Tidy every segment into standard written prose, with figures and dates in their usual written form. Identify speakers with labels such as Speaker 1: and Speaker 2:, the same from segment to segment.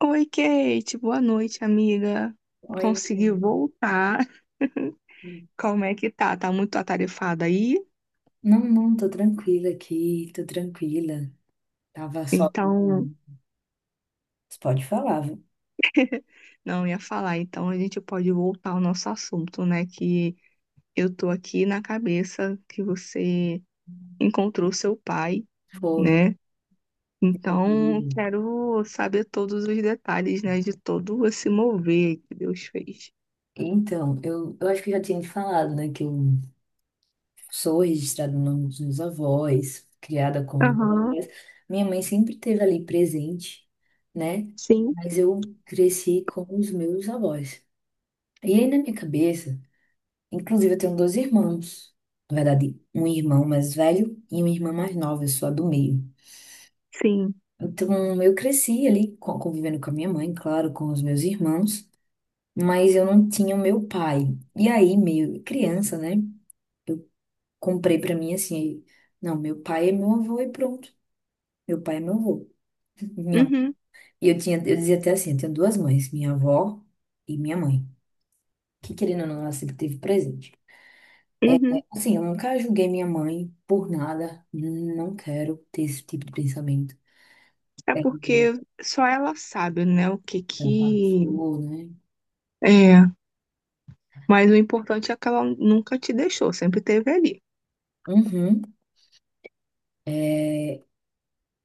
Speaker 1: Oi, Kate, boa noite, amiga.
Speaker 2: Oi, Mariana.
Speaker 1: Conseguiu voltar? Como é que tá? Tá muito atarefada aí?
Speaker 2: Não, não, tô tranquila aqui, tô tranquila. Tava só.
Speaker 1: Então,
Speaker 2: Você pode falar, viu?
Speaker 1: não ia falar. Então, a gente pode voltar ao nosso assunto, né? Que eu tô aqui na cabeça que você encontrou seu pai,
Speaker 2: Foi.
Speaker 1: né? Então, quero saber todos os detalhes, né? De todo esse mover que Deus fez.
Speaker 2: Então, eu acho que eu já tinha te falado, né, que eu sou registrada no nome dos meus avós, criada com os meus
Speaker 1: Aham,
Speaker 2: avós. Minha mãe sempre esteve ali presente, né?
Speaker 1: sim,
Speaker 2: Mas eu cresci com os meus avós. E aí, na minha cabeça, inclusive, eu tenho dois irmãos. Na verdade, um irmão mais velho e uma irmã mais nova, eu sou a do meio.
Speaker 1: sim.
Speaker 2: Então, eu cresci ali convivendo com a minha mãe, claro, com os meus irmãos, mas eu não tinha o meu pai. E aí, meio criança, né? Eu comprei pra mim assim, não, meu pai é meu avô e pronto. Meu pai é meu avô. Minha...
Speaker 1: Uhum,
Speaker 2: E eu tinha, eu dizia até assim, eu tenho duas mães, minha avó e minha mãe, que querendo ou não, ela sempre teve presente.
Speaker 1: uhum.
Speaker 2: Assim, eu nunca julguei minha mãe por nada, não quero ter esse tipo de pensamento.
Speaker 1: É
Speaker 2: É,
Speaker 1: porque só ela sabe, né, o que
Speaker 2: ela
Speaker 1: que
Speaker 2: passou, né?
Speaker 1: é. Mas o importante é que ela nunca te deixou, sempre teve ali.
Speaker 2: Uhum. É,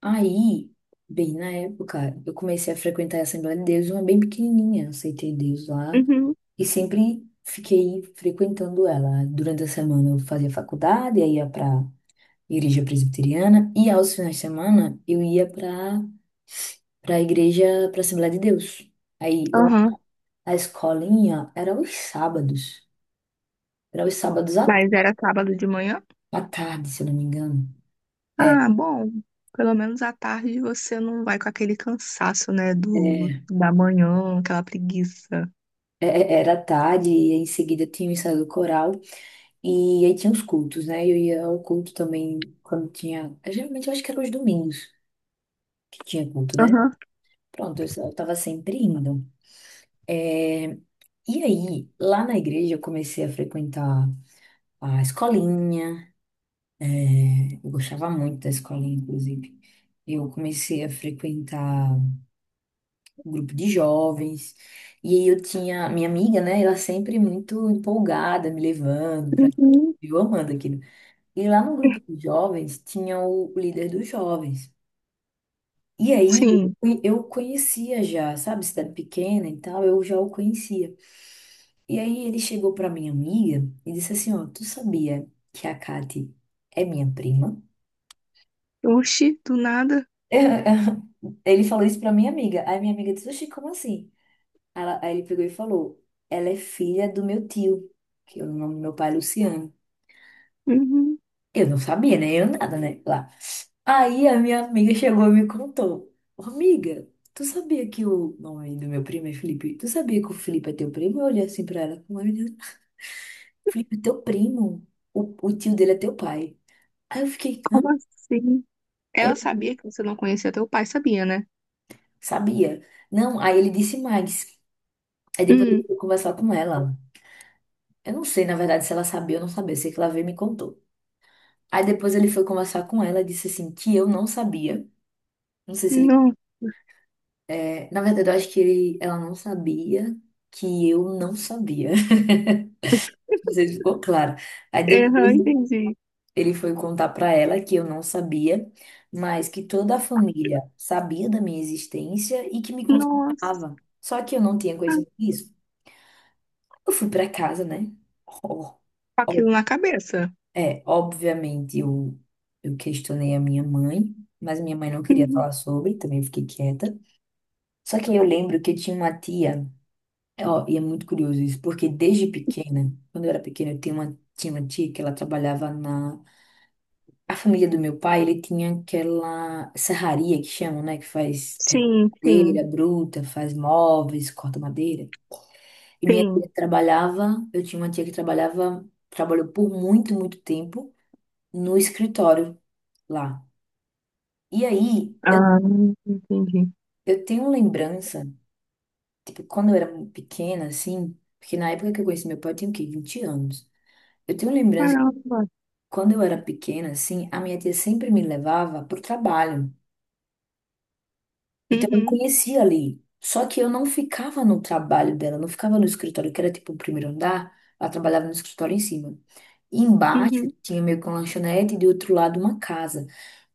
Speaker 2: aí, bem na época, eu comecei a frequentar a Assembleia de Deus, uma bem pequenininha, eu aceitei Deus lá
Speaker 1: Uhum,
Speaker 2: e sempre fiquei frequentando ela. Durante a semana eu fazia faculdade, aí ia para igreja presbiteriana e aos finais de semana eu ia para a igreja, para a Assembleia de Deus. Aí lá,
Speaker 1: aham.
Speaker 2: a escolinha era os sábados à,
Speaker 1: Mas era sábado de manhã?
Speaker 2: à tarde, se eu não me engano. É,
Speaker 1: Ah, bom. Pelo menos à tarde você não vai com aquele cansaço, né, do
Speaker 2: é,
Speaker 1: da manhã, aquela preguiça.
Speaker 2: é, era à tarde e em seguida tinha o ensaio do coral. E aí tinha os cultos, né? Eu ia ao culto também quando tinha. Geralmente eu acho que era os domingos que tinha culto, né?
Speaker 1: Aham.
Speaker 2: Pronto, eu tava sempre indo. É, e aí, lá na igreja, eu comecei a frequentar a escolinha. É, eu gostava muito da escolinha, inclusive. Eu comecei a frequentar um grupo de jovens. E aí eu tinha. Minha amiga, né? Ela sempre muito empolgada, me levando pra.
Speaker 1: Uhum.
Speaker 2: Eu amando aqui. E lá no grupo dos jovens tinha o líder dos jovens. E aí
Speaker 1: Sim.
Speaker 2: eu conhecia já, sabe, cidade pequena e tal, eu já o conhecia. E aí ele chegou pra minha amiga e disse assim, ó, tu sabia que a Kati é minha prima?
Speaker 1: Oxi, do nada.
Speaker 2: Ele falou isso pra minha amiga. Aí minha amiga disse, oxi, como assim? Aí ele pegou e falou, ela é filha do meu tio, que é o nome do meu pai é Luciano.
Speaker 1: Uhum.
Speaker 2: Eu não sabia, né? Eu nada, né? Aí a minha amiga chegou e me contou. "Ô, amiga, tu sabia que o nome do meu primo é Felipe? Tu sabia que o Felipe é teu primo? Eu olhei assim pra ela com uma menina. Felipe, é teu primo. O tio dele é teu pai. Aí eu fiquei, hã?
Speaker 1: Como assim?
Speaker 2: Aí
Speaker 1: Ela
Speaker 2: eu
Speaker 1: sabia que você não conhecia teu pai, sabia, né?
Speaker 2: sabia. Não, aí ele disse mais. Aí depois ele
Speaker 1: Hum,
Speaker 2: foi conversar com ela. Eu não sei, na verdade, se ela sabia ou não sabia. Eu sei que ela veio e me contou. Aí depois ele foi conversar com ela e disse assim, que eu não sabia. Não sei se...
Speaker 1: não.
Speaker 2: É, na verdade, eu acho que ela não sabia que eu não sabia. Não sei se ficou claro. Aí
Speaker 1: Aham,
Speaker 2: depois
Speaker 1: entendi.
Speaker 2: ele foi contar pra ela que eu não sabia, mas que toda a família sabia da minha existência e que me
Speaker 1: Nossa,
Speaker 2: consultava. Só que eu não tinha conhecimento disso. Eu fui pra casa, né? Ó,
Speaker 1: com
Speaker 2: ó,
Speaker 1: aquilo na cabeça.
Speaker 2: é, obviamente eu questionei a minha mãe, mas minha mãe não queria
Speaker 1: Uhum.
Speaker 2: falar sobre, também fiquei quieta. Só que eu lembro que eu tinha uma tia. É, ó, e é muito curioso isso, porque desde pequena, quando eu era pequena, eu tinha uma tia que ela trabalhava na. A família do meu pai, ele tinha aquela serraria que chamam, né? Que faz
Speaker 1: Sim, sim,
Speaker 2: madeira bruta, faz móveis, corta madeira. E minha
Speaker 1: sim.
Speaker 2: tia trabalhava, eu tinha uma tia que trabalhava, trabalhou por muito, muito tempo no escritório lá. E aí,
Speaker 1: Ah, entendi.
Speaker 2: eu tenho lembrança, tipo, quando eu era pequena, assim, porque na época que eu conheci meu pai, eu tinha o quê? 20 anos. Eu tenho lembrança.
Speaker 1: Caramba.
Speaker 2: Quando eu era pequena, assim, a minha tia sempre me levava para o trabalho. Então eu
Speaker 1: Uhum,
Speaker 2: conhecia ali. Só que eu não ficava no trabalho dela, não ficava no escritório, que era tipo o primeiro andar. Ela trabalhava no escritório em cima. E embaixo
Speaker 1: uhum,
Speaker 2: tinha meio que uma lanchonete e do outro lado uma casa.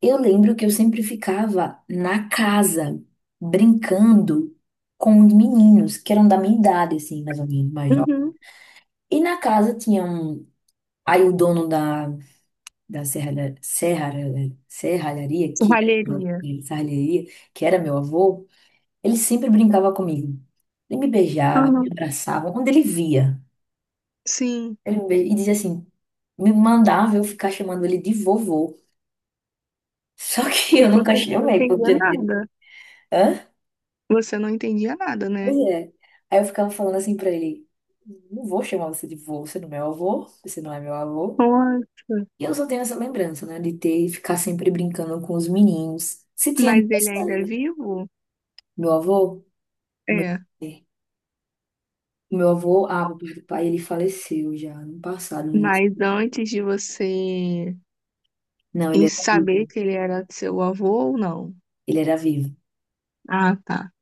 Speaker 2: Eu lembro que eu sempre ficava na casa, brincando com os meninos, que eram da minha idade, assim, mais ou menos, mais jovens.
Speaker 1: uhum.
Speaker 2: E na casa tinha um. Aí o dono da serralharia, que era,
Speaker 1: Serralheria.
Speaker 2: serralheria, que era meu avô, ele sempre brincava comigo. Ele me beijava, me
Speaker 1: Aham.
Speaker 2: abraçava, onde ele via.
Speaker 1: Sim.
Speaker 2: E dizia assim, me mandava eu ficar chamando ele de vovô. Só que eu
Speaker 1: E
Speaker 2: nunca
Speaker 1: você não
Speaker 2: chamei,
Speaker 1: entendia
Speaker 2: porque...
Speaker 1: nada.
Speaker 2: Hã?
Speaker 1: Você não entendia nada,
Speaker 2: Pois
Speaker 1: né?
Speaker 2: é. Aí eu ficava falando assim pra ele, não vou chamar você de vô, você não é meu avô, você não é meu avô.
Speaker 1: Nossa.
Speaker 2: E eu só tenho essa lembrança, né, de ter, ficar sempre brincando com os meninos. Se tinha
Speaker 1: Mas ele ainda é
Speaker 2: aniversário,
Speaker 1: vivo?
Speaker 2: meu avô, meu,
Speaker 1: É.
Speaker 2: é, meu avô, ah, meu pai, do pai, ele faleceu já no passado, né?
Speaker 1: Mas antes de você
Speaker 2: Não, ele
Speaker 1: em
Speaker 2: era vivo.
Speaker 1: saber que ele era seu avô ou não?
Speaker 2: Ele era vivo.
Speaker 1: Ah, tá.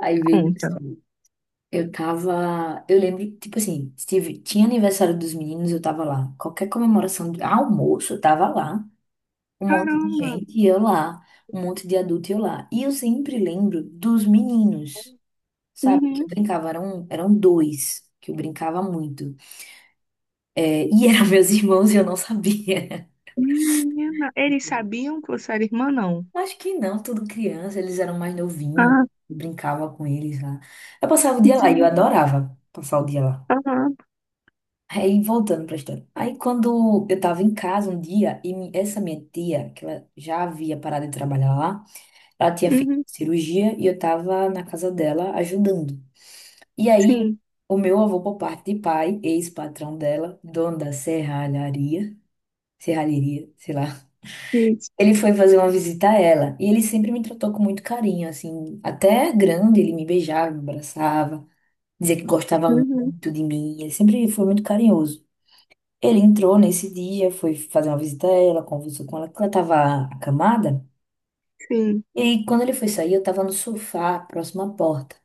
Speaker 2: Aí veja
Speaker 1: Conta.
Speaker 2: só. Eu tava. Eu lembro, tipo assim, tive, tinha aniversário dos meninos, eu tava lá. Qualquer comemoração de almoço, eu tava lá. Um monte de
Speaker 1: Caramba.
Speaker 2: gente e eu lá. Um monte de adulto e eu lá. E eu sempre lembro dos meninos, sabe? Que eu
Speaker 1: Uhum.
Speaker 2: brincava, eram, eram dois que eu brincava muito. É, e eram meus irmãos e eu não sabia.
Speaker 1: Menina. Eles sabiam que você era irmã, não?
Speaker 2: Acho que não, tudo criança, eles eram mais novinhos,
Speaker 1: Ah,
Speaker 2: eu brincava com eles lá. Eu passava o dia lá e eu
Speaker 1: entendi.
Speaker 2: adorava passar o dia lá.
Speaker 1: Aham.
Speaker 2: Aí, voltando pra história. Aí, quando eu tava em casa um dia, e essa minha tia, que ela já havia parado de trabalhar lá, ela tinha feito
Speaker 1: Uhum.
Speaker 2: cirurgia e eu tava na casa dela ajudando. E aí,
Speaker 1: Sim,
Speaker 2: o meu avô, por parte de pai, ex-patrão dela, dono da serralharia, serralheria, sei lá.
Speaker 1: isso.
Speaker 2: Ele foi fazer uma visita a ela e ele sempre me tratou com muito carinho, assim, até grande, ele me beijava, me abraçava, dizia que gostava
Speaker 1: Uhum,
Speaker 2: muito de mim, ele sempre foi muito carinhoso. Ele entrou nesse dia, foi fazer uma visita a ela, conversou com ela, que ela estava acamada,
Speaker 1: sim.
Speaker 2: e aí, quando ele foi sair, eu estava no sofá, próximo à porta.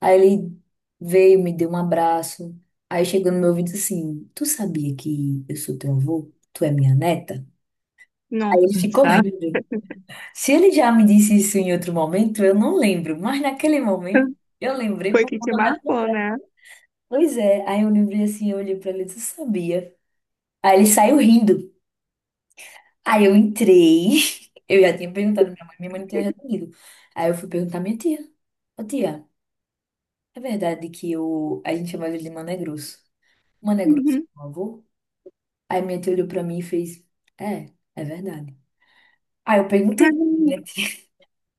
Speaker 2: Aí ele veio, me deu um abraço, aí chegou no meu ouvido assim: Tu sabia que eu sou teu avô? Tu é minha neta? Aí ele ficou
Speaker 1: Nossa,
Speaker 2: rindo. Se ele já me disse isso em outro momento, eu não lembro, mas naquele momento eu lembrei
Speaker 1: foi
Speaker 2: por
Speaker 1: que te
Speaker 2: conta da
Speaker 1: marcou,
Speaker 2: conversa.
Speaker 1: né?
Speaker 2: Pois é, aí eu lembrei assim, eu olhei pra ele e disse, eu sabia. Aí ele saiu rindo. Aí eu entrei, eu já tinha perguntado à minha mãe não tinha respondido. Aí eu fui perguntar à minha tia. Ô tia, é verdade que eu... a gente chamava ele de Mané Grosso. Mané Grosso,
Speaker 1: Uhum.
Speaker 2: meu avô? Aí minha tia olhou pra mim e fez, é, é verdade. Aí eu perguntei,
Speaker 1: Caramba.
Speaker 2: né?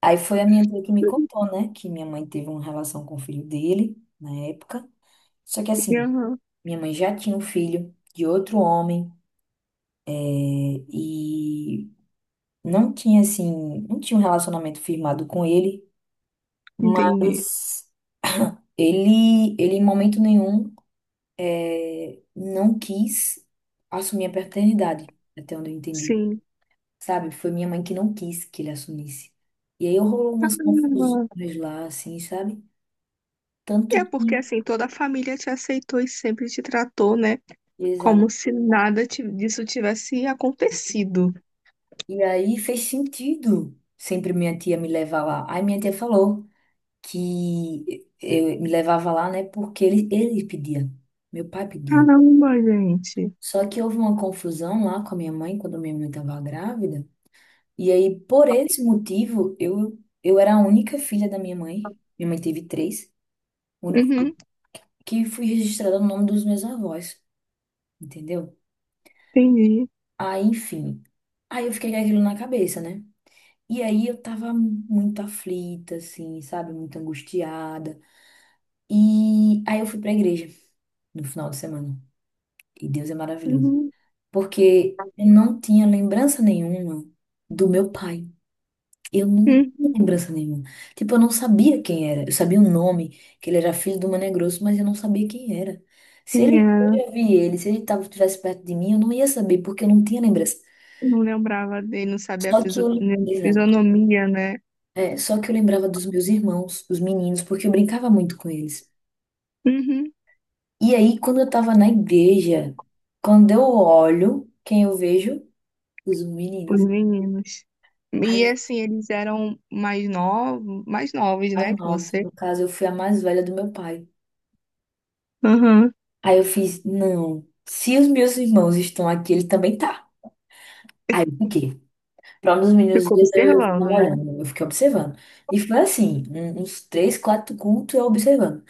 Speaker 2: Aí foi a minha tia que me contou, né, que minha mãe teve uma relação com o filho dele na época. Só que assim,
Speaker 1: Aham,
Speaker 2: minha mãe já tinha um filho de outro homem, é, e não tinha assim, não tinha um relacionamento firmado com ele,
Speaker 1: entendi.
Speaker 2: mas ele em momento nenhum, é, não quis assumir a paternidade, até onde eu entendi.
Speaker 1: Sim.
Speaker 2: Sabe? Foi minha mãe que não quis que ele assumisse. E aí rolou umas
Speaker 1: Caramba.
Speaker 2: confusões lá, assim, sabe? Tanto
Speaker 1: É
Speaker 2: que...
Speaker 1: porque assim, toda a família te aceitou e sempre te tratou, né?
Speaker 2: Exato.
Speaker 1: Como se nada ti- disso tivesse acontecido.
Speaker 2: E aí fez sentido sempre minha tia me levar lá. Aí minha tia falou que eu me levava lá, né? Porque ele pedia, meu pai pedia.
Speaker 1: Caramba, gente.
Speaker 2: Só que houve uma confusão lá com a minha mãe, quando minha mãe estava grávida. E aí, por esse motivo, eu era a única filha da minha mãe. Minha mãe teve três. O único
Speaker 1: Uhum,
Speaker 2: que fui registrada no nome dos meus avós, entendeu?
Speaker 1: entendi.
Speaker 2: Aí, enfim. Aí eu fiquei com aquilo na cabeça, né? E aí eu tava muito aflita, assim, sabe? Muito angustiada. E aí eu fui pra igreja no final de semana. E Deus é maravilhoso.
Speaker 1: Uhum,
Speaker 2: Porque eu não tinha lembrança nenhuma do meu pai. Eu não tinha
Speaker 1: uhum.
Speaker 2: lembrança nenhuma. Tipo, eu não sabia quem era. Eu sabia o nome, que ele era filho do Mané Grosso, mas eu não sabia quem era. Se
Speaker 1: Quem
Speaker 2: ele, eu
Speaker 1: era?
Speaker 2: já vi ele, se ele tava, estivesse perto de mim, eu não ia saber, porque eu não tinha lembrança.
Speaker 1: Não lembrava dele, não sabia a
Speaker 2: Só que eu,
Speaker 1: né,
Speaker 2: exato.
Speaker 1: fisionomia, né?
Speaker 2: É, só que eu lembrava dos meus irmãos, os meninos, porque eu brincava muito com eles.
Speaker 1: Uhum,
Speaker 2: E aí, quando eu tava na igreja, quando eu olho, quem eu vejo? Os
Speaker 1: os
Speaker 2: meninos.
Speaker 1: meninos. E
Speaker 2: Aí,
Speaker 1: assim, eles eram mais novos,
Speaker 2: as
Speaker 1: né, que
Speaker 2: novas,
Speaker 1: você.
Speaker 2: no caso, eu fui a mais velha do meu pai.
Speaker 1: Aham.
Speaker 2: Aí eu fiz, não, se os meus irmãos estão aqui, ele também tá. Aí eu fiquei. Para um dos meninos
Speaker 1: Ficou
Speaker 2: dias eu fiquei
Speaker 1: observando, né?
Speaker 2: olhando, eu fiquei observando. E foi assim, uns três, quatro cultos eu observando.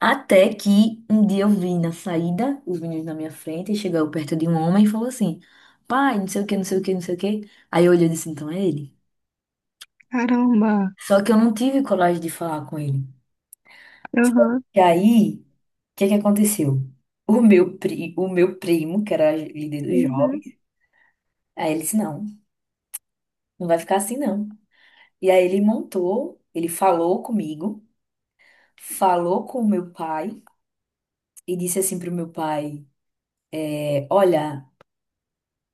Speaker 2: Até que um dia eu vi na saída os meninos na minha frente e chegou perto de um homem e falou assim: Pai, não sei o que, não sei o que, não sei o que. Aí eu olhei e disse: Então é ele.
Speaker 1: Caramba.
Speaker 2: Só que eu não tive coragem de falar com ele.
Speaker 1: Aham.
Speaker 2: E aí, o que que aconteceu? O meu primo, que era líder dos jovens,
Speaker 1: Uhum.
Speaker 2: aí ele disse: Não, não vai ficar assim não. E aí ele montou, ele falou comigo. Falou com o meu pai e disse assim pro meu pai: Olha,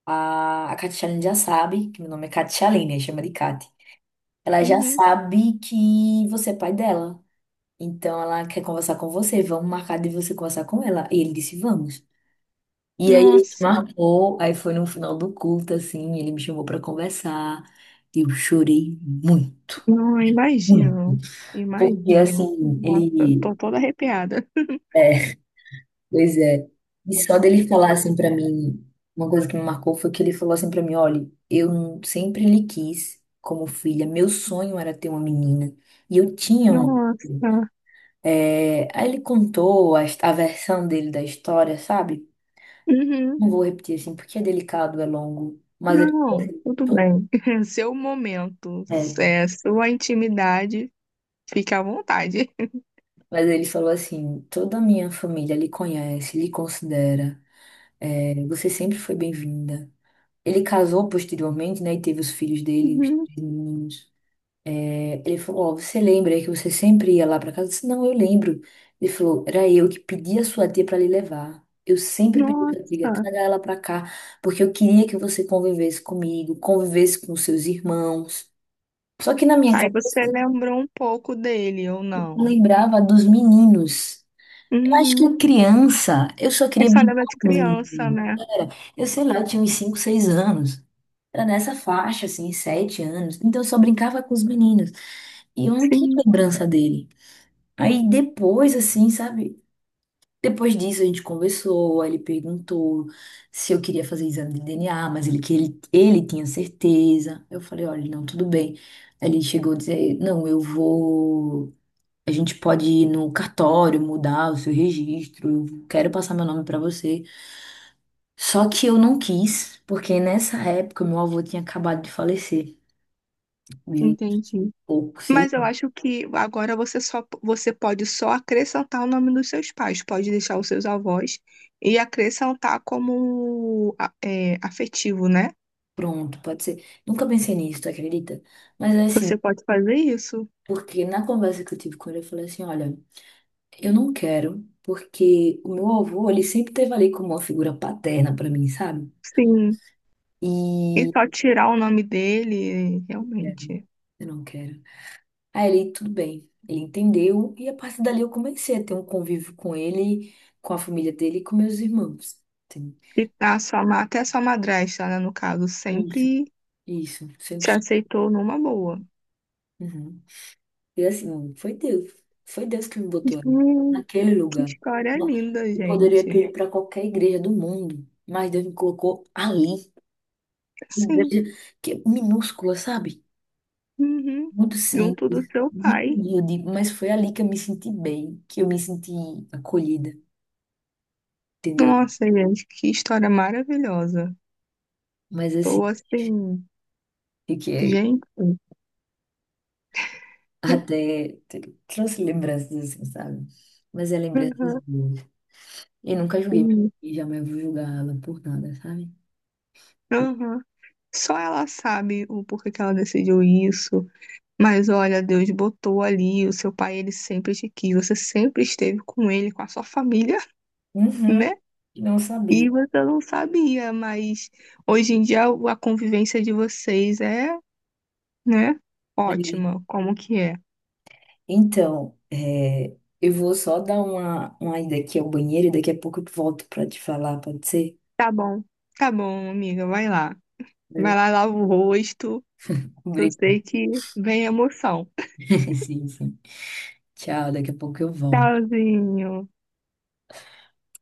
Speaker 2: a Catialine já sabe, que meu nome é Catialine, né, chama de Cati. Ela já
Speaker 1: Uhum.
Speaker 2: sabe que você é pai dela. Então ela quer conversar com você. Vamos marcar de você conversar com ela. E ele disse: Vamos. E aí a gente
Speaker 1: Nossa,
Speaker 2: marcou. Aí foi no final do culto, assim. Ele me chamou pra conversar. Eu chorei muito.
Speaker 1: não, eu
Speaker 2: Muito.
Speaker 1: imagino.
Speaker 2: Porque,
Speaker 1: Imagino.
Speaker 2: assim,
Speaker 1: Nossa,
Speaker 2: ele...
Speaker 1: tô toda arrepiada.
Speaker 2: Pois é. E só dele falar assim pra mim, uma coisa que me marcou foi que ele falou assim pra mim, olha, sempre lhe quis como filha, meu sonho era ter uma menina. E eu tinha uma.
Speaker 1: Nossa.
Speaker 2: É, aí ele contou a versão dele da história, sabe?
Speaker 1: Uhum.
Speaker 2: Não vou repetir assim, porque é delicado, é longo. Mas ele falou
Speaker 1: Não,
Speaker 2: assim,
Speaker 1: tudo bem. Seu momento,
Speaker 2: É,
Speaker 1: é, sua intimidade, fica à vontade.
Speaker 2: mas ele falou assim, toda a minha família lhe conhece, lhe considera. Você sempre foi bem-vinda. Ele casou posteriormente, né? E teve os filhos dele, os
Speaker 1: Uhum.
Speaker 2: três meninos. Ele falou: Ó, você lembra que você sempre ia lá pra casa? Eu disse: Não, eu lembro. Ele falou: Era eu que pedi a sua tia pra lhe levar. Eu sempre pedi pra tia,
Speaker 1: Nossa.
Speaker 2: traga ela pra cá, porque eu queria que você convivesse comigo, convivesse com seus irmãos. Só que na minha
Speaker 1: Aí
Speaker 2: cabeça,
Speaker 1: você lembrou um pouco dele, ou
Speaker 2: eu
Speaker 1: não?
Speaker 2: lembrava dos meninos. Eu acho
Speaker 1: Uhum.
Speaker 2: que criança, eu só
Speaker 1: Eu
Speaker 2: queria
Speaker 1: só
Speaker 2: brincar
Speaker 1: lembro de
Speaker 2: com eles.
Speaker 1: criança, né?
Speaker 2: Eu sei lá, eu tinha uns 5, 6 anos. Era nessa faixa, assim, sete anos. Então eu só brincava com os meninos. E eu não tinha
Speaker 1: Sim,
Speaker 2: lembrança dele. Aí depois, assim, sabe? Depois disso a gente conversou, aí ele perguntou se eu queria fazer exame de DNA, mas ele tinha certeza. Eu falei, olha, não, tudo bem. Aí ele chegou a dizer, não, eu vou. A gente pode ir no cartório, mudar o seu registro, eu quero passar meu nome pra você. Só que eu não quis, porque nessa época meu avô tinha acabado de falecer.
Speaker 1: entendi.
Speaker 2: Ou que sei,
Speaker 1: Mas eu acho que agora você só você pode só acrescentar o nome dos seus pais, pode deixar os seus avós e acrescentar como é, afetivo, né?
Speaker 2: pronto, pode ser. Nunca pensei nisso, tu acredita? Mas é assim,
Speaker 1: Você pode fazer isso?
Speaker 2: porque na conversa que eu tive com ele, eu falei assim, olha, eu não quero, porque o meu avô, ele sempre teve ali como uma figura paterna pra mim, sabe?
Speaker 1: Sim. E
Speaker 2: E
Speaker 1: só tirar o nome dele, realmente.
Speaker 2: eu não quero. Aí ele, tudo bem. Ele entendeu e a partir dali eu comecei a ter um convívio com ele, com a família dele e com meus irmãos. Sim.
Speaker 1: E tá a sua, até a sua madrasta, né, no caso,
Speaker 2: Isso,
Speaker 1: sempre
Speaker 2: isso, sempre.
Speaker 1: te aceitou numa boa.
Speaker 2: Uhum. E assim, foi Deus. Foi Deus que me botou ali, naquele
Speaker 1: Que
Speaker 2: lugar.
Speaker 1: história
Speaker 2: Não-
Speaker 1: linda,
Speaker 2: Eu poderia ter
Speaker 1: gente.
Speaker 2: ido para qualquer igreja do mundo, mas Deus me colocou ali.
Speaker 1: Sim,
Speaker 2: Igreja que é minúscula, sabe?
Speaker 1: uhum.
Speaker 2: Muito
Speaker 1: Junto
Speaker 2: simples,
Speaker 1: do seu
Speaker 2: muito
Speaker 1: pai.
Speaker 2: humilde, mas foi ali que eu me senti bem, que eu me senti acolhida, entendeu?
Speaker 1: Nossa, gente, que história maravilhosa.
Speaker 2: Mas assim,
Speaker 1: Tô assim,
Speaker 2: fiquei
Speaker 1: gente.
Speaker 2: até. Trouxe lembranças assim, sabe? Mas é lembranças
Speaker 1: Uhum,
Speaker 2: boas. Eu nunca julguei minha
Speaker 1: sim,
Speaker 2: mãe, jamais vou julgar ela por nada, sabe?
Speaker 1: uhum. Só ela sabe o porquê que ela decidiu isso. Mas olha, Deus botou ali, o seu pai, ele sempre te quis, você sempre esteve com ele, com a sua família,
Speaker 2: Uhum,
Speaker 1: né?
Speaker 2: não sabia.
Speaker 1: E você não sabia, mas hoje em dia a convivência de vocês é, né?
Speaker 2: É,
Speaker 1: Ótima, como que é?
Speaker 2: Então, eu vou só dar uma ida aqui ao banheiro e daqui a pouco eu volto para te falar, pode ser?
Speaker 1: Tá bom, tá bom, amiga, vai lá.
Speaker 2: Viu?
Speaker 1: Vai lá, lava o rosto, que eu
Speaker 2: Obrigada.
Speaker 1: sei que vem emoção.
Speaker 2: Sim, sim. Tchau, daqui a pouco eu volto.
Speaker 1: Tchauzinho.